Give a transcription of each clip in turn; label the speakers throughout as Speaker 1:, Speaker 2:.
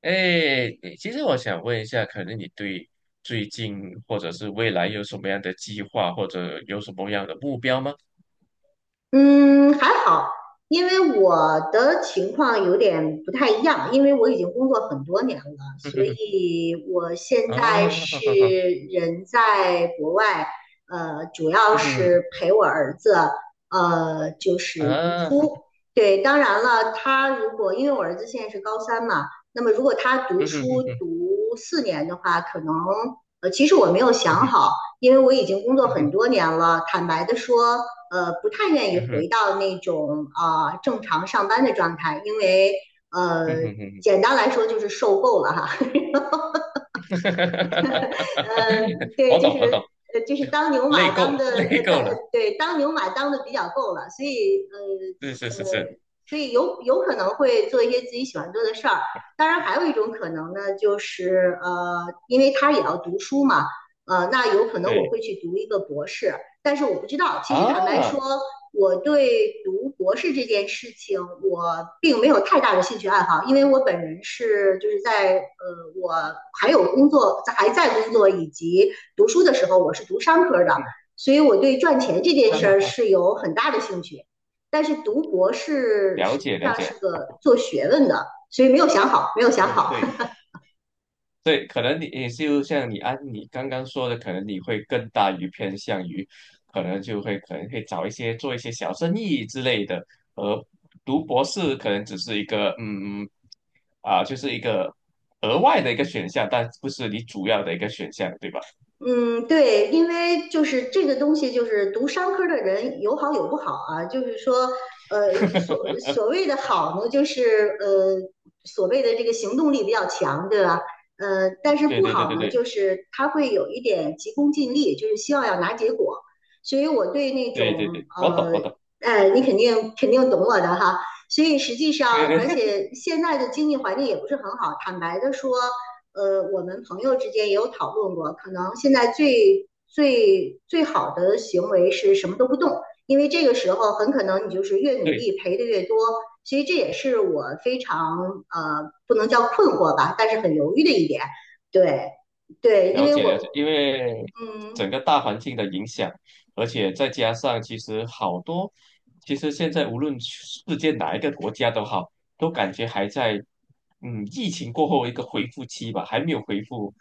Speaker 1: 哎，其实我想问一下，可能你对最近或者是未来有什么样的计划，或者有什么样的目标吗？
Speaker 2: 嗯，还好，因为我的情况有点不太一样，因为我已经工作很多年了，
Speaker 1: 嗯
Speaker 2: 所
Speaker 1: 哼哼，
Speaker 2: 以我现在
Speaker 1: 啊，哈
Speaker 2: 是
Speaker 1: 哈哈，
Speaker 2: 人在国外，主要
Speaker 1: 嗯哼，
Speaker 2: 是陪我儿子，就是读
Speaker 1: 啊，
Speaker 2: 书。对，当然了，他如果因为我儿子现在是高三嘛，那么如果他读
Speaker 1: 嗯哼
Speaker 2: 书
Speaker 1: 哼哼，
Speaker 2: 读四年的话，可能其实我没有
Speaker 1: 嗯
Speaker 2: 想
Speaker 1: 哼，
Speaker 2: 好，因为我已经工作
Speaker 1: 嗯
Speaker 2: 很
Speaker 1: 哼，
Speaker 2: 多年了，坦白的说。不太愿意
Speaker 1: 嗯哼，
Speaker 2: 回到那种正常上班的状态，因为
Speaker 1: 嗯
Speaker 2: 呃
Speaker 1: 哼哼哼，
Speaker 2: 简单来说就是受够了哈，呃 对，
Speaker 1: 我
Speaker 2: 就
Speaker 1: 懂，我懂，
Speaker 2: 是就是
Speaker 1: 就
Speaker 2: 当牛马
Speaker 1: 累够
Speaker 2: 当
Speaker 1: 了，
Speaker 2: 的
Speaker 1: 累
Speaker 2: 呃当
Speaker 1: 够了，
Speaker 2: 呃对当牛马当的比较够了，所以
Speaker 1: 是是是是，
Speaker 2: 所以有可能会做一些自己喜欢做的事儿。当然，还有一种可能呢，就是因为他也要读书嘛，那有可能我
Speaker 1: 对
Speaker 2: 会去读一个博士，但是我不知道。其实
Speaker 1: 啊，
Speaker 2: 坦白
Speaker 1: 哈
Speaker 2: 说，我对读博士这件事情，我并没有太大的兴趣爱好，因为我本人是就是在我还有工作，还在工作以及读书的时候，我是读商科的，所以我对赚钱这件
Speaker 1: 哈
Speaker 2: 事儿
Speaker 1: 哈，
Speaker 2: 是有很大的兴趣。但是读博士
Speaker 1: 了
Speaker 2: 实际
Speaker 1: 解了
Speaker 2: 上是
Speaker 1: 解，
Speaker 2: 个做学问的，所以没有想好，没有想
Speaker 1: 嗯，
Speaker 2: 好。
Speaker 1: 对。对，可能你也就像你啊，你刚刚说的，可能你会更偏向于，可能会找一些做一些小生意之类的，而读博士可能只是一个就是一个额外的一个选项，但不是你主要的一个选项，对吧？
Speaker 2: 嗯，对，因为就是这个东西，就是读商科的人有好有不好啊。就是说，所谓的好呢，就是所谓的这个行动力比较强，对吧？但是
Speaker 1: 对
Speaker 2: 不
Speaker 1: 对对
Speaker 2: 好
Speaker 1: 对
Speaker 2: 呢，
Speaker 1: 对
Speaker 2: 就是他会有一点急功近利，就是希望要拿结果。所以我对那
Speaker 1: 对对
Speaker 2: 种
Speaker 1: 对，我懂我懂，
Speaker 2: 哎，你肯定懂我的哈。所以实际
Speaker 1: 对
Speaker 2: 上，
Speaker 1: 对
Speaker 2: 而 且现在的经济环境也不是很好，坦白的说。我们朋友之间也有讨论过，可能现在最好的行为是什么都不动，因为这个时候很可能你就是越努
Speaker 1: 对，
Speaker 2: 力赔的越多，所以这也是我非常不能叫困惑吧，但是很犹豫的一点。对对，因
Speaker 1: 了
Speaker 2: 为
Speaker 1: 解了解，
Speaker 2: 我
Speaker 1: 因为
Speaker 2: 嗯，
Speaker 1: 整个大环境的影响，而且再加上其实好多，其实现在无论世界哪一个国家都好，都感觉还在疫情过后一个恢复期吧，还没有恢复，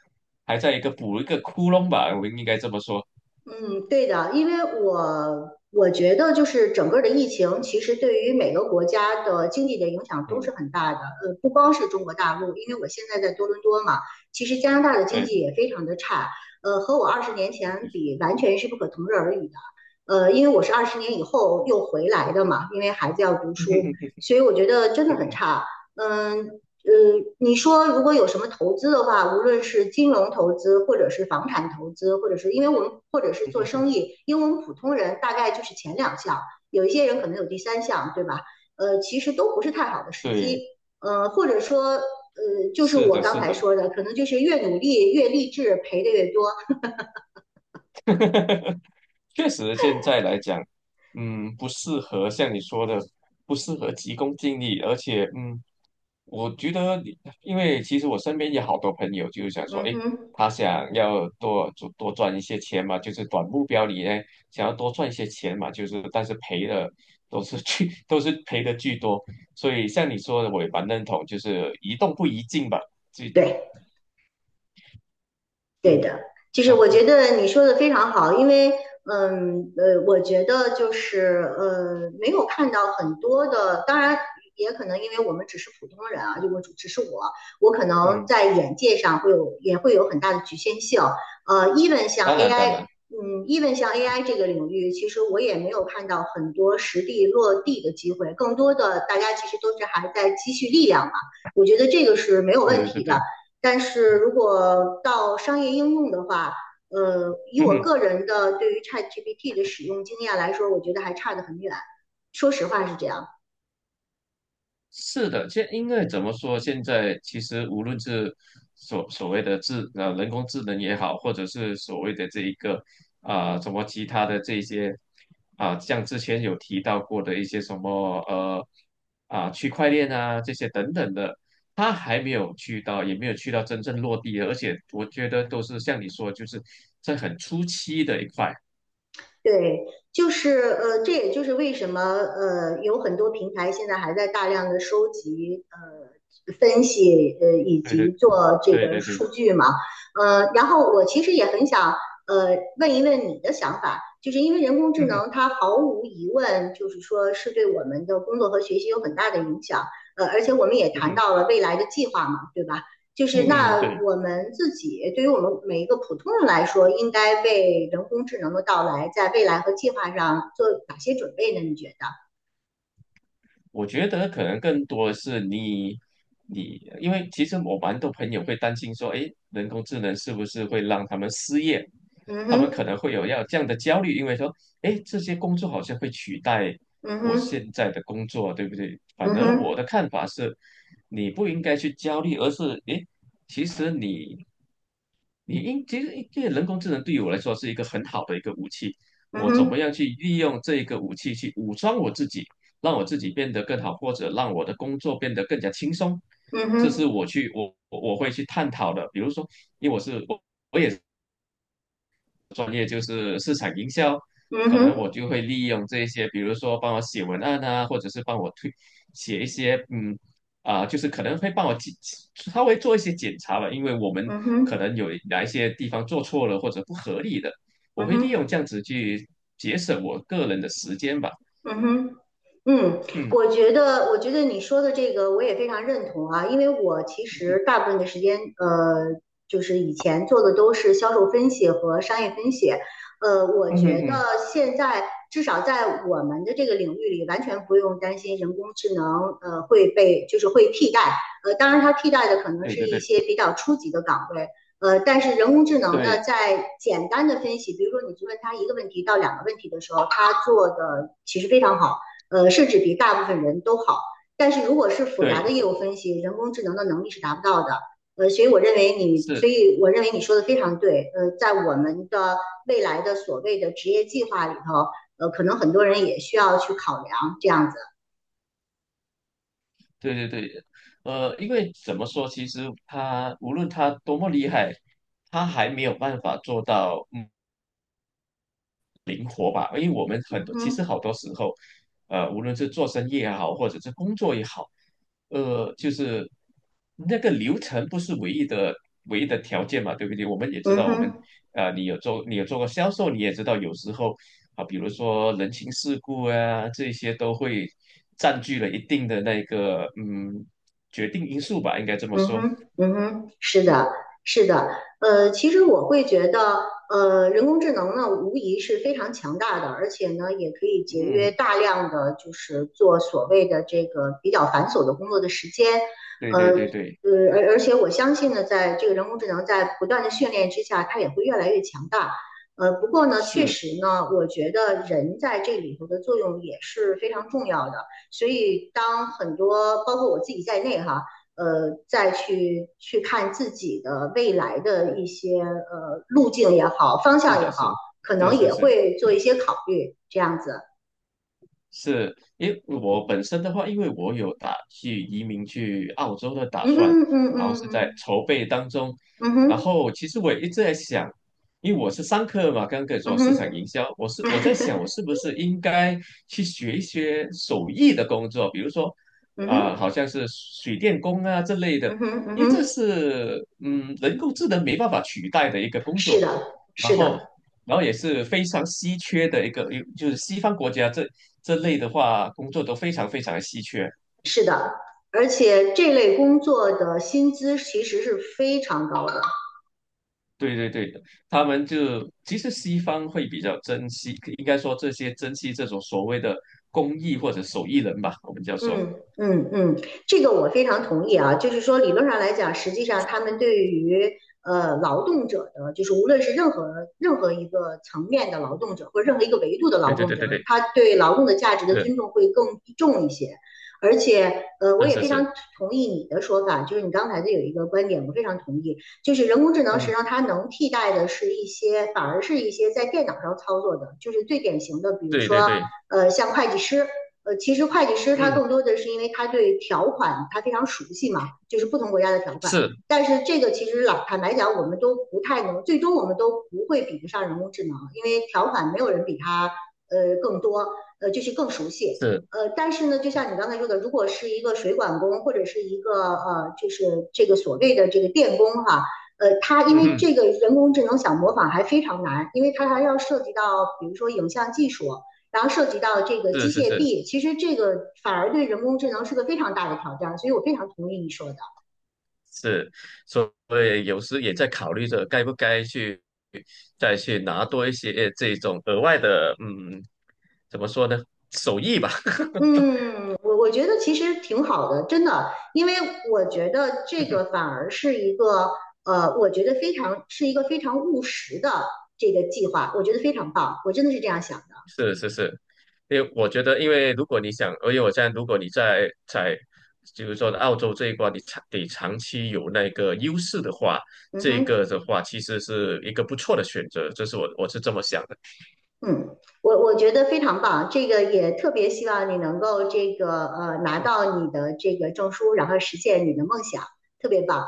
Speaker 1: 还在一个补一个窟窿吧，我们应该这么说。
Speaker 2: 嗯，对的，因为我我觉得就是整个的疫情，其实对于每个国家的经济的影响都
Speaker 1: 嗯，
Speaker 2: 是很大的。不光是中国大陆，因为我现在在多伦多嘛，其实加拿大的经
Speaker 1: 对，
Speaker 2: 济也非常的差。和我二十年前比，完全是不可同日而语的。因为我是二十年以后又回来的嘛，因为孩子要读书，所以我觉得真的很差。嗯，呃，你说如果有什么投资的话，无论是金融投资，或者是房产投资，或者是因为我们或者是做生意，因为我们普通人大概就是前两项，有一些人可能有第三项，对吧？其实都不是太好的时
Speaker 1: 对，
Speaker 2: 机。或者说，就是
Speaker 1: 是
Speaker 2: 我
Speaker 1: 的，
Speaker 2: 刚
Speaker 1: 是
Speaker 2: 才
Speaker 1: 的，
Speaker 2: 说的，可能就是越努力越励志，赔的越多。
Speaker 1: 确实现在来讲，嗯，不适合像你说的，不适合急功近利，而且。我觉得你因为其实我身边有好多朋友，就是想说，
Speaker 2: 嗯
Speaker 1: 诶，
Speaker 2: 哼，
Speaker 1: 他想要多赚一些钱嘛，就是短目标里呢，想要多赚一些钱嘛，就是但是赔的都是巨，都是赔的巨多。所以像你说的，我也蛮认同，就是宜动不宜静吧。这，
Speaker 2: 对。对
Speaker 1: 嗯，
Speaker 2: 的，就是
Speaker 1: 然
Speaker 2: 我
Speaker 1: 后
Speaker 2: 觉得你说的非常好，因为我觉得就是没有看到很多的，当然也可能因为我们只是普通人啊，就我只是我，我可能
Speaker 1: 嗯，
Speaker 2: 在眼界上会有也会有很大的局限性。even 像
Speaker 1: 当然当
Speaker 2: AI,
Speaker 1: 然，
Speaker 2: 嗯，even 像 AI 这个领域，其实我也没有看到很多实地落地的机会，更多的大家其实都是还在积蓄力量嘛。我觉得这个是没有
Speaker 1: 对
Speaker 2: 问
Speaker 1: 对对
Speaker 2: 题的。
Speaker 1: 对，
Speaker 2: 但是如果到商业应用的话，以
Speaker 1: 嗯
Speaker 2: 我
Speaker 1: 哼。
Speaker 2: 个人的对于 ChatGPT 的使用经验来说，我觉得还差得很远。说实话是这样。
Speaker 1: 是的，因为怎么说，现在其实无论是所谓的人工智能也好，或者是所谓的这一个啊、什么其他的这一些啊、像之前有提到过的一些什么啊、区块链啊这些等等的，它还没有去到，也没有去到真正落地的，而且我觉得都是像你说，就是在很初期的一块。
Speaker 2: 对，就是这也就是为什么有很多平台现在还在大量的收集分析以
Speaker 1: 对对
Speaker 2: 及做这
Speaker 1: 对
Speaker 2: 个
Speaker 1: 对对，
Speaker 2: 数据嘛，然后我其实也很想呃问一问你的想法，就是因为人工智
Speaker 1: 嗯哼
Speaker 2: 能它毫无疑问就是说是对我们的工作和学习有很大的影响，而且我们也
Speaker 1: 嗯
Speaker 2: 谈
Speaker 1: 哼
Speaker 2: 到了未来的计划嘛，对吧？就是
Speaker 1: 嗯哼，
Speaker 2: 那
Speaker 1: 对。
Speaker 2: 我们自己，对于我们每一个普通人来说，应该为人工智能的到来，在未来和计划上做哪些准备呢？你觉得？
Speaker 1: 我觉得可能更多的是你，你，因为其实我蛮多朋友会担心说，诶，人工智能是不是会让他们失业？
Speaker 2: 嗯
Speaker 1: 他们可
Speaker 2: 哼，
Speaker 1: 能会有要这样的焦虑，因为说，诶，这些工作好像会取代
Speaker 2: 嗯
Speaker 1: 我
Speaker 2: 哼，
Speaker 1: 现在的工作，对不对？反
Speaker 2: 嗯
Speaker 1: 而我
Speaker 2: 哼，
Speaker 1: 的看法是，你不应该去焦虑，而是，诶，其实你其实因为人工智能对于我来说是一个很好的一个武器，
Speaker 2: 嗯
Speaker 1: 我怎
Speaker 2: 哼，
Speaker 1: 么样去利用这个武器去武装我自己，让我自己变得更好，或者让我的工作变得更加轻松，
Speaker 2: 嗯
Speaker 1: 这是
Speaker 2: 哼，
Speaker 1: 我会去探讨的。比如说，因为我是专业就是市场营销，
Speaker 2: 嗯
Speaker 1: 可能我
Speaker 2: 哼，
Speaker 1: 就会利用这些，比如说帮我写文案啊，或者是帮我推写一些，嗯，啊、就是可能会帮我检稍微做一些检查吧，因为我们
Speaker 2: 嗯
Speaker 1: 可
Speaker 2: 哼，
Speaker 1: 能有哪一些地方做错了或者不合理的，我
Speaker 2: 嗯
Speaker 1: 会利
Speaker 2: 哼，
Speaker 1: 用这样子去节省我个人的时间吧。
Speaker 2: 嗯哼，嗯，
Speaker 1: 嗯
Speaker 2: 我觉得，我觉得你说的这个我也非常认同啊，因为我其
Speaker 1: 嗯
Speaker 2: 实大部分的时间，就是以前做的都是销售分析和商业分析，我
Speaker 1: 嗯嗯
Speaker 2: 觉得
Speaker 1: 嗯，
Speaker 2: 现在至少在我们的这个领域里，完全不用担心人工智能，会被就是会替代，当然它替代的可能
Speaker 1: 对
Speaker 2: 是
Speaker 1: 对
Speaker 2: 一
Speaker 1: 对
Speaker 2: 些比较初级的岗位，但是人工智能呢，
Speaker 1: 对
Speaker 2: 在简单的分析，比如说你去问他一个问题到两个问题的时候，他做的其实非常好。甚至比大部分人都好。但是如果是复杂的
Speaker 1: 对，
Speaker 2: 业务分析，人工智能的能力是达不到的。所以我认为你，所
Speaker 1: 是。
Speaker 2: 以我认为你说的非常对。在我们的未来的所谓的职业计划里头，可能很多人也需要去考量这样子。
Speaker 1: 对对对，因为怎么说，其实他无论他多么厉害，他还没有办法做到。嗯灵活吧，因为我们很
Speaker 2: 嗯
Speaker 1: 多其实
Speaker 2: 哼，
Speaker 1: 好多时候，无论是做生意也好，或者是工作也好，就是那个流程不是唯一的条件嘛，对不对？我们也知
Speaker 2: 嗯
Speaker 1: 道，我们
Speaker 2: 哼。
Speaker 1: 啊，你有做过销售，你也知道有时候啊，比如说人情世故啊，这些都会占据了一定的那个决定因素吧，应该这么
Speaker 2: 嗯
Speaker 1: 说。
Speaker 2: 哼，嗯哼，是的，是的，其实我会觉得，人工智能呢，无疑是非常强大的，而且呢，也可以节约
Speaker 1: 嗯，
Speaker 2: 大量的就是做所谓的这个比较繁琐的工作的时间，
Speaker 1: 对
Speaker 2: 呃，
Speaker 1: 对对对，
Speaker 2: 而且我相信呢，在这个人工智能在不断的训练之下，它也会越来越强大。不过呢，确
Speaker 1: 是
Speaker 2: 实呢，我觉得人在这里头的作用也是非常重要的，所以当很多包括我自己在内哈。再去看自己的未来的一些路径也好，方
Speaker 1: 是
Speaker 2: 向也
Speaker 1: 的
Speaker 2: 好，
Speaker 1: 是，
Speaker 2: 可
Speaker 1: 是
Speaker 2: 能
Speaker 1: 是
Speaker 2: 也
Speaker 1: 是。
Speaker 2: 会做一些考虑，这样子。
Speaker 1: 是，因为我本身的话，因为我有打去移民去澳洲的打
Speaker 2: 嗯
Speaker 1: 算，
Speaker 2: 嗯
Speaker 1: 然后
Speaker 2: 嗯
Speaker 1: 是在
Speaker 2: 嗯
Speaker 1: 筹备当中。
Speaker 2: 嗯嗯
Speaker 1: 然
Speaker 2: 哼
Speaker 1: 后其实我也一直在想，因为我是商科嘛，刚刚跟你
Speaker 2: 嗯
Speaker 1: 说市
Speaker 2: 哼
Speaker 1: 场营销，我在想，我 是不是应该去学一些手艺的工作，比如说
Speaker 2: 嗯
Speaker 1: 啊、
Speaker 2: 哼
Speaker 1: 好像是水电工啊这类的，
Speaker 2: 嗯哼嗯
Speaker 1: 因为这
Speaker 2: 哼，
Speaker 1: 是人工智能没办法取代的一个工
Speaker 2: 是
Speaker 1: 作。
Speaker 2: 的，
Speaker 1: 然
Speaker 2: 是
Speaker 1: 后
Speaker 2: 的，
Speaker 1: 也是非常稀缺的一个，就是西方国家这类的话，工作都非常非常的稀缺。
Speaker 2: 是的，而且这类工作的薪资其实是非常高的。
Speaker 1: 对对对，他们就其实西方会比较珍惜，应该说这些珍惜这种所谓的工艺或者手艺人吧，我们叫做。说。
Speaker 2: 嗯嗯嗯，这个我非常同意啊，就是说理论上来讲，实际上他们对于劳动者的，就是无论是任何一个层面的劳动者，或者任何一个维度的劳
Speaker 1: 对对
Speaker 2: 动者，
Speaker 1: 对对
Speaker 2: 他对劳动的价值的
Speaker 1: 对，
Speaker 2: 尊重会更重一些。而且，我
Speaker 1: 是
Speaker 2: 也
Speaker 1: 是是
Speaker 2: 非
Speaker 1: 是，
Speaker 2: 常同意你的说法，就是你刚才的有一个观点，我非常同意，就是人工智能
Speaker 1: 嗯
Speaker 2: 实际
Speaker 1: 哼，
Speaker 2: 上它能替代的是一些，反而是一些在电脑上操作的，就是最典型的，比如
Speaker 1: 对对
Speaker 2: 说，
Speaker 1: 对，
Speaker 2: 像会计师。其实会计师他
Speaker 1: 嗯，
Speaker 2: 更多的是因为他对条款他非常熟悉嘛，就是不同国家的条款。
Speaker 1: 是
Speaker 2: 但是这个其实老坦白讲，我们都不太能，最终我们都不会比得上人工智能，因为条款没有人比他更多，就是更熟悉。
Speaker 1: 是，
Speaker 2: 但是呢，就像你刚才说的，如果是一个水管工或者是一个就是这个所谓的这个电工哈、他因
Speaker 1: 嗯
Speaker 2: 为
Speaker 1: 哼，
Speaker 2: 这个人工智能想模仿还非常难，因为他还要涉及到比如说影像技术，然后涉及到这个
Speaker 1: 是
Speaker 2: 机
Speaker 1: 是
Speaker 2: 械
Speaker 1: 是。
Speaker 2: 臂，其实这个反而对人工智能是个非常大的挑战，所以我非常同意你说的。
Speaker 1: 是，所以有时也在考虑着该不该去再去拿多一些这种额外的，嗯，怎么说呢，手艺吧。
Speaker 2: 嗯，我我觉得其实挺好的，真的，因为我觉得这个 反而是一个我觉得非常是一个非常务实的这个计划，我觉得非常棒，我真的是这样想的。
Speaker 1: 是是是，因为我觉得，因为如果你想，因为我现在如果你在，比如说澳洲这一关，你长期有那个优势的话，
Speaker 2: 嗯
Speaker 1: 这
Speaker 2: 哼，
Speaker 1: 个的话其实是一个不错的选择，这是我是这么想的。
Speaker 2: 嗯，我我觉得非常棒，这个也特别希望你能够这个拿到你的这个证书，然后实现你的梦想，特别棒。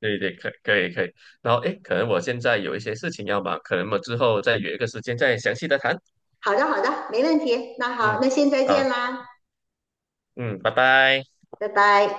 Speaker 1: 对对，可以可以。然后哎诶，可能我现在有一些事情要忙，可能我之后再约一个时间再详细的谈。
Speaker 2: 好的，好的，没问题。那好，
Speaker 1: 嗯，
Speaker 2: 那先再
Speaker 1: 好，
Speaker 2: 见啦，
Speaker 1: 嗯，拜拜。
Speaker 2: 拜拜。